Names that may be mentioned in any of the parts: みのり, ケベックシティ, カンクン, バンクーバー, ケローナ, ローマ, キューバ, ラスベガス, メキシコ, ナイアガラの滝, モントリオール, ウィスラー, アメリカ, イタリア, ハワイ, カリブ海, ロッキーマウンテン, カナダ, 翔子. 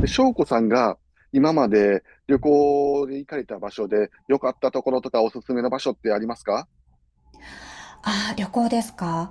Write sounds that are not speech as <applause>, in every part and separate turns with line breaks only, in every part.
で、翔子さんが今まで旅行で行かれた場所で良かったところとかおすすめの場所ってありますか？
ああ、旅行ですか。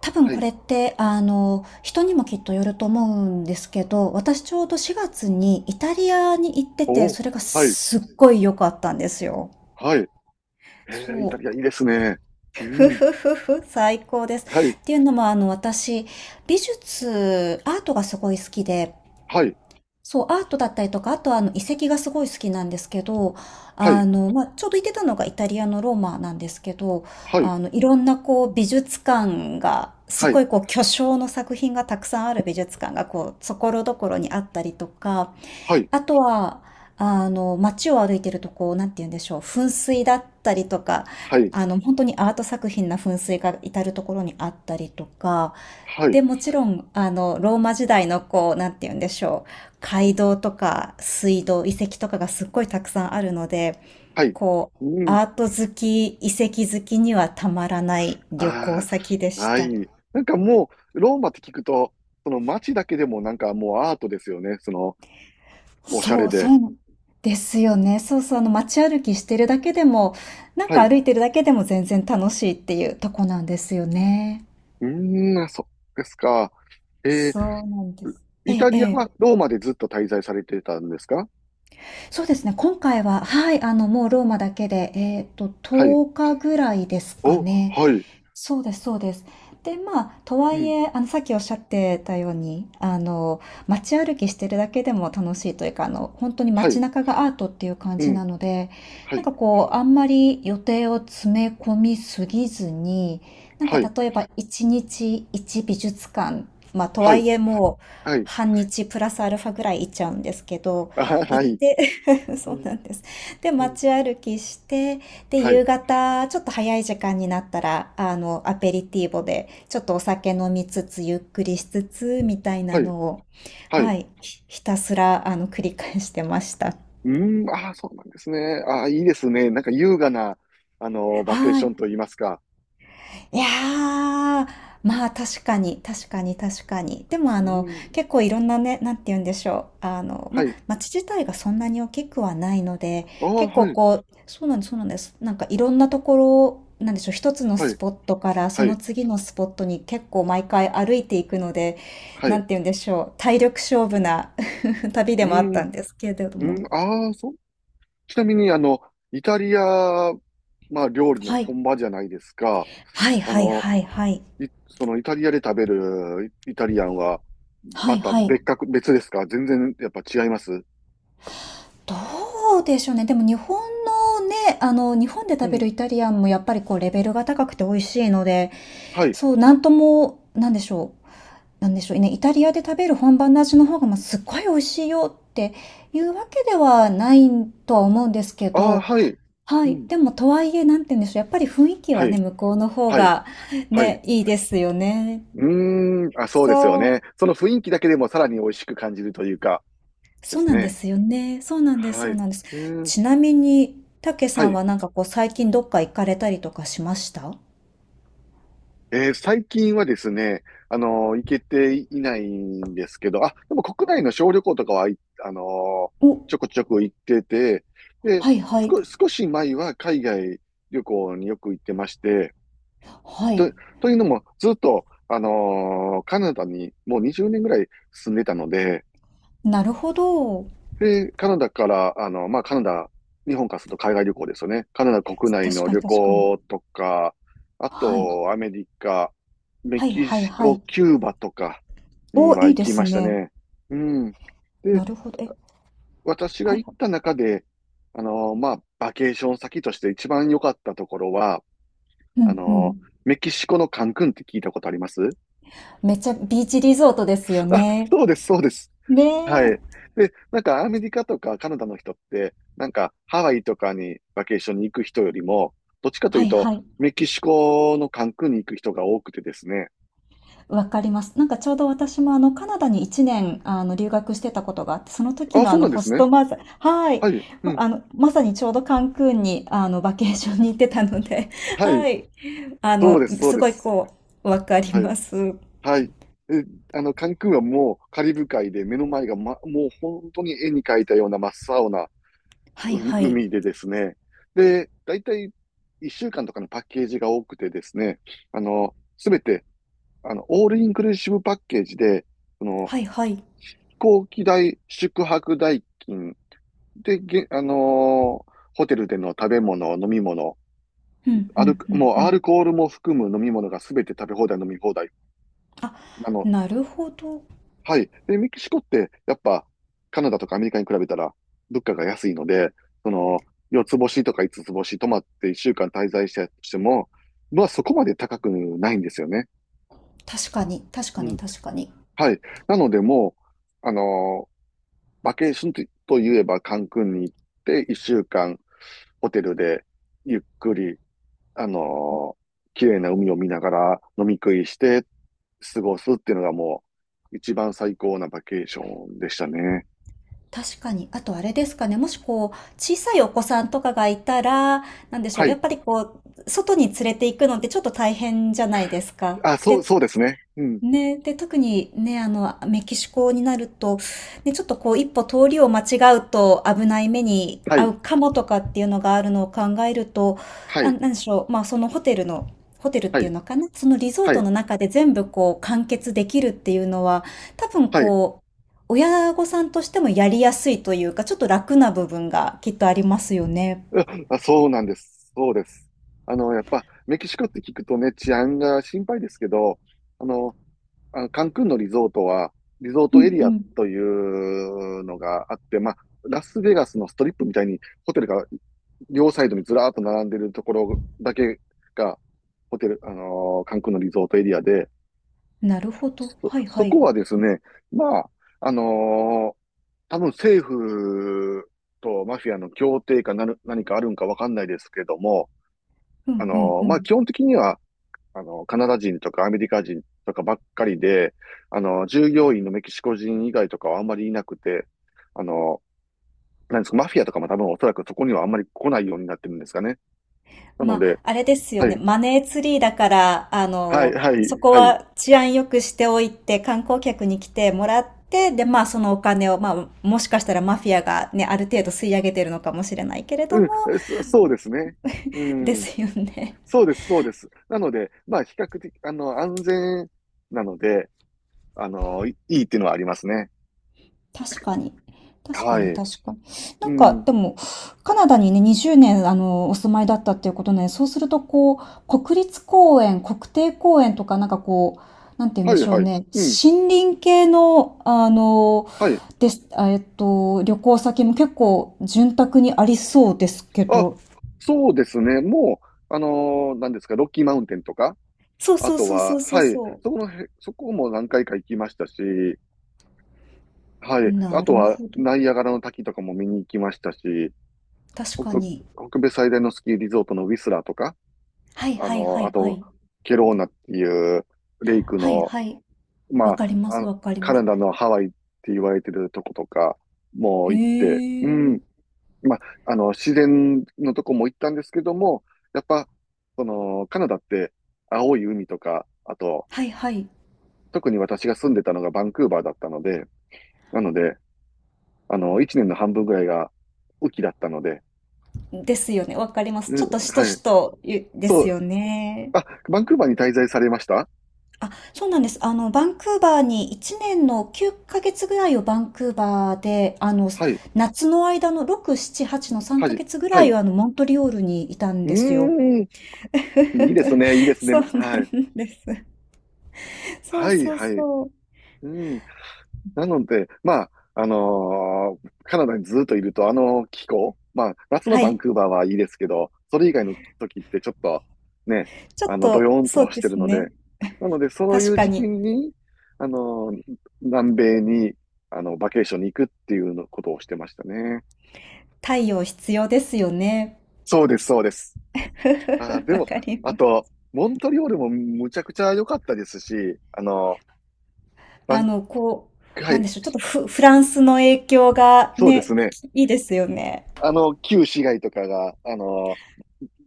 多分
は
こ
い。
れって、人にもきっとよると思うんですけど、私ちょうど4月にイタリアに行ってて、
おお、
それが
はい、
すっごい良かったんですよ。
はい。えイタ
そ
リアい
う。
いですね。う
ふ
ん。
ふふふ、最高です。
はい、
っていうのも、私、美術、アートがすごい好きで、
はい、
そう、アートだったりとか、あとはあの遺跡がすごい好きなんですけど、
はい、
ちょうど行ってたのがイタリアのローマなんですけど、
はい、
いろんなこう美術館が、す
は
ご
い、
いこう巨匠の作品がたくさんある美術館がこう、所々にあったりとか、
はい、
あとは、街を歩いてるとこう、なんて言うんでしょう、噴水だったりとか、
はい、
本当にアート作品な噴水が至るところにあったりとか、
はい、
で、もちろん、ローマ時代のこう、なんて言うんでしょう。街道とか水道、遺跡とかがすっごいたくさんあるので、
はい。
こう、
うん。
アート好き、遺跡好きにはたまらない旅行
あ
先で
あ、
し
は
た。
い。なんかもう、ローマって聞くと、その街だけでもなんかもうアートですよね。その、おしゃ
そ
れ
う、そ
で。
うですよね。そうそう、街歩きしてるだけでも、なん
はい。
か
う
歩いてるだけでも全然楽しいっていうとこなんですよね。
ーん、あそうですか。え
そう
ー
なんです。え
イ
え、
タ
え
リアは
え。
ローマでずっと滞在されてたんですか？
そうですね、今回は、はい、もうローマだけで、
はい。
10日ぐらいですか
お、
ね。
はい。
そうですそうです。で、まあ、とは
う
い
ん。
え、さっきおっしゃってたように、街歩きしてるだけでも楽しいというか、本当に
は
街
い。
中がアートっていう感
う
じ
ん。
なので、
は
なん
い。
かこう、あんまり予定を詰め込みすぎずに、なんか
はい。
例えば1日1美術館、まあ、と
は
は
い。
いえもう、
はい。
半日プラスアルファぐらい行っちゃうんですけど、
あ、は
行っ
い。
て <laughs>
う
そうな
ん。
んです。で、
うん。
街歩きして、で、
はい。
夕方、ちょっと早い時間になったら、アペリティーボで、ちょっとお酒飲みつつ、ゆっくりしつつ、みたいな
はい。
のを、
は
は
い。
い、ひたすら、繰り返してました。
うーん。ああ、そうなんですね。ああ、いいですね。なんか優雅な、あの、バケー
は
ショ
い。
ンといいますか。
いやー、まあ確かに、確かに。でもあ
う
の、
ーん。
結構いろんなね、なんて言うんでしょう。ま
は
あ
い。
街自体がそんなに大きくはないので、
ああ、
結
は
構
い。
こう、そうなんです。なんかいろんなところ、なんでしょう、一つの
は
ス
い。
ポットからそ
は
の
い。
次のスポットに結構毎回歩いていくので、
はい。
なん
う
て言うんでしょう、体力勝負な <laughs> 旅でもあっ
ん。
た
う
んですけれど
ー
も。
ん。ああ、そう。ちなみに、あの、イタリア、まあ、料理の
はい。
本場じゃないですか。
はい
あ
はい
の、
はいはい。
いそのイタリアで食べるイイタリアンは、
は
ま
い
た
はい。
別格、別ですか？全然やっぱ違います？
どうでしょうね。でも日本のね、日本で
う
食べる
ん。
イタリアンもやっぱりこうレベルが高くて美味しいので、
はい。
そう、なんとも、なんでしょう。なんでしょうね。イタリアで食べる本場の味の方が、まあ、すっごい美味しいよっていうわけではないとは思うんですけ
ああ、
ど、
はい。
は
う
い。
ん。
でも、とはいえ、なんて言うんでしょう。やっぱり雰囲気
は
は
い。
ね、向こうの方
はい。
が
はい。
ね、いいですよね。
うーん。あ、そうですよ
そう。
ね。その雰囲気だけでもさらに美味しく感じるというか、で
そう
す
なんで
ね。
すよね。そうなんです、
は
そ
い。
う
う
なんです。
ーん。
ちなみに、たけ
は
さん
い。
はなんかこう最近どっか行かれたりとかしました？
最近はですね、あのー行けていないんですけど、あ、でも国内の小旅行とかは、いあのー
お、
ちょこちょこ行ってて、で、
はいはい。
少、少し前は海外旅行によく行ってまして、
は
と、
い。
というのも、ずっと、あのーカナダにもう20年ぐらい住んでたので、
なるほど。
で、カナダから、あの、まあ、カナダ、日本からすると海外旅行ですよね。カナダ国内
確
の
かに
旅
確かに。
行とか、あ
はい。
と、アメリカ、メ
はい
キ
はい
シ
は
コ、
い。
キューバとかに
お、
は
いい
行
で
き
す
ました
ね。
ね。うん。で、
なるほど。え、
私が
はい
行っ
は
た
い。
中で、あの、まあ、バケーション先として一番良かったところは、
う
あ
んう
の、
ん。
メキシコのカンクンって聞いたことあります？
めっちゃビーチリゾートですよ
あ、
ね。
そうです、そうです。
ね
はい。
え。
で、なんかアメリカとかカナダの人って、なんかハワイとかにバケーションに行く人よりも、どっちかと
は
いう
い
と、
はい。
メキシコのカンクンに行く人が多くてですね。
わかります。なんかちょうど私もあのカナダに1年あの留学してたことがあって、その時
あ、
のあ
そう
の
なんで
ホ
す
ス
ね。
トマザー、はい。
はい。うん。
まさにちょうどカンクンにあのバケーションに行ってたので、<laughs>
は
は
い。
い。あ
そう
の、
です、そう
す
で
ごい
す。
こう、わかり
はい。
ます。
はい。え、あの、カンクンはもうカリブ海で目の前が、ま、もう本当に絵に描いたような真っ青な
は
う
いはい。
海でですね。で、だいたい1週間とかのパッケージが多くてですね、あの、すべてあの、オールインクルーシブパッケージで、その、
はいはい。
飛行機代、宿泊代金で、げ、あのーホテルでの食べ物、飲み物、
うん
ア
う
ル、
んうん
もう
う
ア
ん。
ルコールも含む飲み物がすべて食べ放題、飲み放題。
あ、
あの、
なるほど。
はい。で、メキシコって、やっぱ、カナダとかアメリカに比べたら、物価が安いので、その、四つ星とか五つつ星泊まって一週間滞在したとしても、まあそこまで高くないんですよね。
確かに、確か
う
に
ん。
確かに。
はい。なのでもう、あのバケーションとと言えばカンクンに行って一週間ホテルでゆっくり、あのー綺麗な海を見ながら飲み食いして過ごすっていうのがもう一番最高なバケーションでしたね。
確かに。あとあれですかね、もしこう、小さいお子さんとかがいたら、なんでしょ
は
う、や
い。
っぱりこう、外に連れて行くのってちょっと大変じゃないですか。
あ、そう、そ
で、
うですね。うん。
ね、で、特にね、メキシコになると、ね、ちょっとこう、一歩通りを間違うと危ない目に
は
遭
い。
うかもとかっていうのがあるのを考えると、
は
あ、
い。
なんでしょう、まあ、そのホテルの、ホテルっ
は
ていう
い。
のかな、そのリゾー
は
ト
い。
の中で全部こう、完結できるっていうのは、多分
はい。
こう、親御さんとしてもやりやすいというか、ちょっと楽な部分がきっとありますよね。
あ、あそうなんです。そうです。あの、やっぱ、メキシコって聞くとね、治安が心配ですけど、あの、あの、カンクンのリゾートは、リゾー
う
トエ
ん
リ
う
ア
ん。
というのがあって、まあ、ラスベガスのストリップみたいにホテルが両サイドにずらーっと並んでるところだけが、ホテル、あのーカンクンのリゾートエリアで、
なるほど。
そ、
はいは
そ
い。
こはですね、まあ、あのー多分政府とマフィアの協定かなる、何かあるんかわかんないですけども、
う
あ
んうん
の
う
ーまあ
ん。
基本的にはあの、カナダ人とかアメリカ人とかばっかりで、あの、従業員のメキシコ人以外とかはあんまりいなくて、あの、なんですか、マフィアとかも多分おそらくそこにはあんまり来ないようになってるんですかね。な
ま
の
あ、
で、
あれですよ
は
ね。
い、
マネーツリーだから、
はい、はい、
そこ
はい。
は治安良くしておいて、観光客に来てもらって、で、まあ、そのお金を、まあ、もしかしたらマフィアがね、ある程度吸い上げてるのかもしれないけれど
う
も、
ん、そ、そうですね。う
で
ん。
すよね。
そうです、そうです。なので、まあ、比較的、あの、安全なので、あの、いいいっていうのはありますね。
確かに。確か
は
に、
い。
確かに。な
う
んか、
ん。
でも、カナダにね、20年、お住まいだったっていうことね、そうすると、こう、国立公園、国定公園とか、なんかこう、なんて言うん
は
で
い、
しょう
はい。
ね、
うん。
森林系の、あの、
はい。
です、あえっと、旅行先も結構、潤沢にありそうですけ
あ、
ど。
そうですね。もう、あのー、何ですか、ロッキーマウンテンとか、
そう
あ
そう
と
そうそう
は、
そう
はい、
そ
そこのへ、そこも何回か行きましたし、は
う。
い、あ
な
と
る
は、
ほど。
ナイアガラの滝とかも見に行きましたし、
確か
北、
に。
北米最大のスキーリゾートのウィスラーとか、
はい
あ
はい
の
は
ー、あ
いは
と、
い。
ケローナっていうレイク
はい
の、
はい。
ま
わ
あ、
かりま
あ
す、
の、
わかり
カ
ま
ナ
す。
ダのハワイって言われてるとことかも
へ
行って、う
え。
ん、まあ、あの、自然のとこも行ったんですけども、やっぱ、その、カナダって青い海とか、あと、
はいはい。
特に私が住んでたのがバンクーバーだったので、なので、あの、一年の半分ぐらいが雨季だったので、
ですよね。わかります。
う
ちょ
ん、
っとしと
は
し
い。
とゆで
そ
す
う、
よね。
あ、バンクーバーに滞在されました？
あ、そうなんです。バンクーバーに1年の9ヶ月ぐらいをバンクーバーで、
はい、
夏の間の6、7、8の3
はい、
ヶ月ぐ
は
ら
い。
い
う
はあの、モントリオールにいたん
ー
ですよ。
ん、
<laughs>
いいですね、いいですね。
そうな
はい、
んです。そう
はい、
そう
はい。
そう。
うん。なので、まあ、あのーカナダにずっといると、あの気候、まあ、夏の
は
バン
い。
クーバーはいいですけど、それ以外の時ってちょっと、ね、
ちょ
あ
っ
の、ドヨ
と、
ーン
そ
と
う
し
で
てる
す
ので、
ね。
なので、そうい
確
う
か
時期
に、
に、あのー南米に、あの、バケーションに行くっていうのことをしてましたね。
太陽必要ですよね。
そうです、そうです。あー、
<laughs>
で
わ
も、
かり
あ
ます。
と、モントリオールもむちゃくちゃ良かったですし、あの、バ
あ
ン、
の、こ
は
なんで
い、
しょう、ちょっとフランスの影響が
そうです
ね、
ね。
いいですよね。
あの、旧市街とかが、あの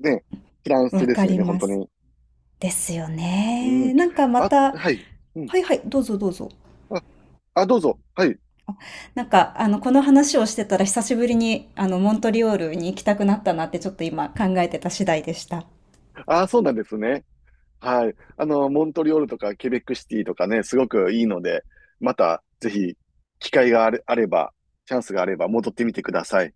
ね、フランス
わ
です
か
よ
り
ね、本
ま
当
す。
に。
ですよ
う
ね。
ん。
なんかま
あ、
た、
はい。うん。
はいはい、どうぞどうぞ。
あ、あ、どうぞ。はい。
なんか、この話をしてたら久しぶりに、モントリオールに行きたくなったなってちょっと今考えてた次第でした。
あ、そうなんですね。はい。あの、モントリオールとかケベックシティとかね、すごくいいので、また、ぜひ、機会があれ、あれば、チャンスがあれば、戻ってみてください。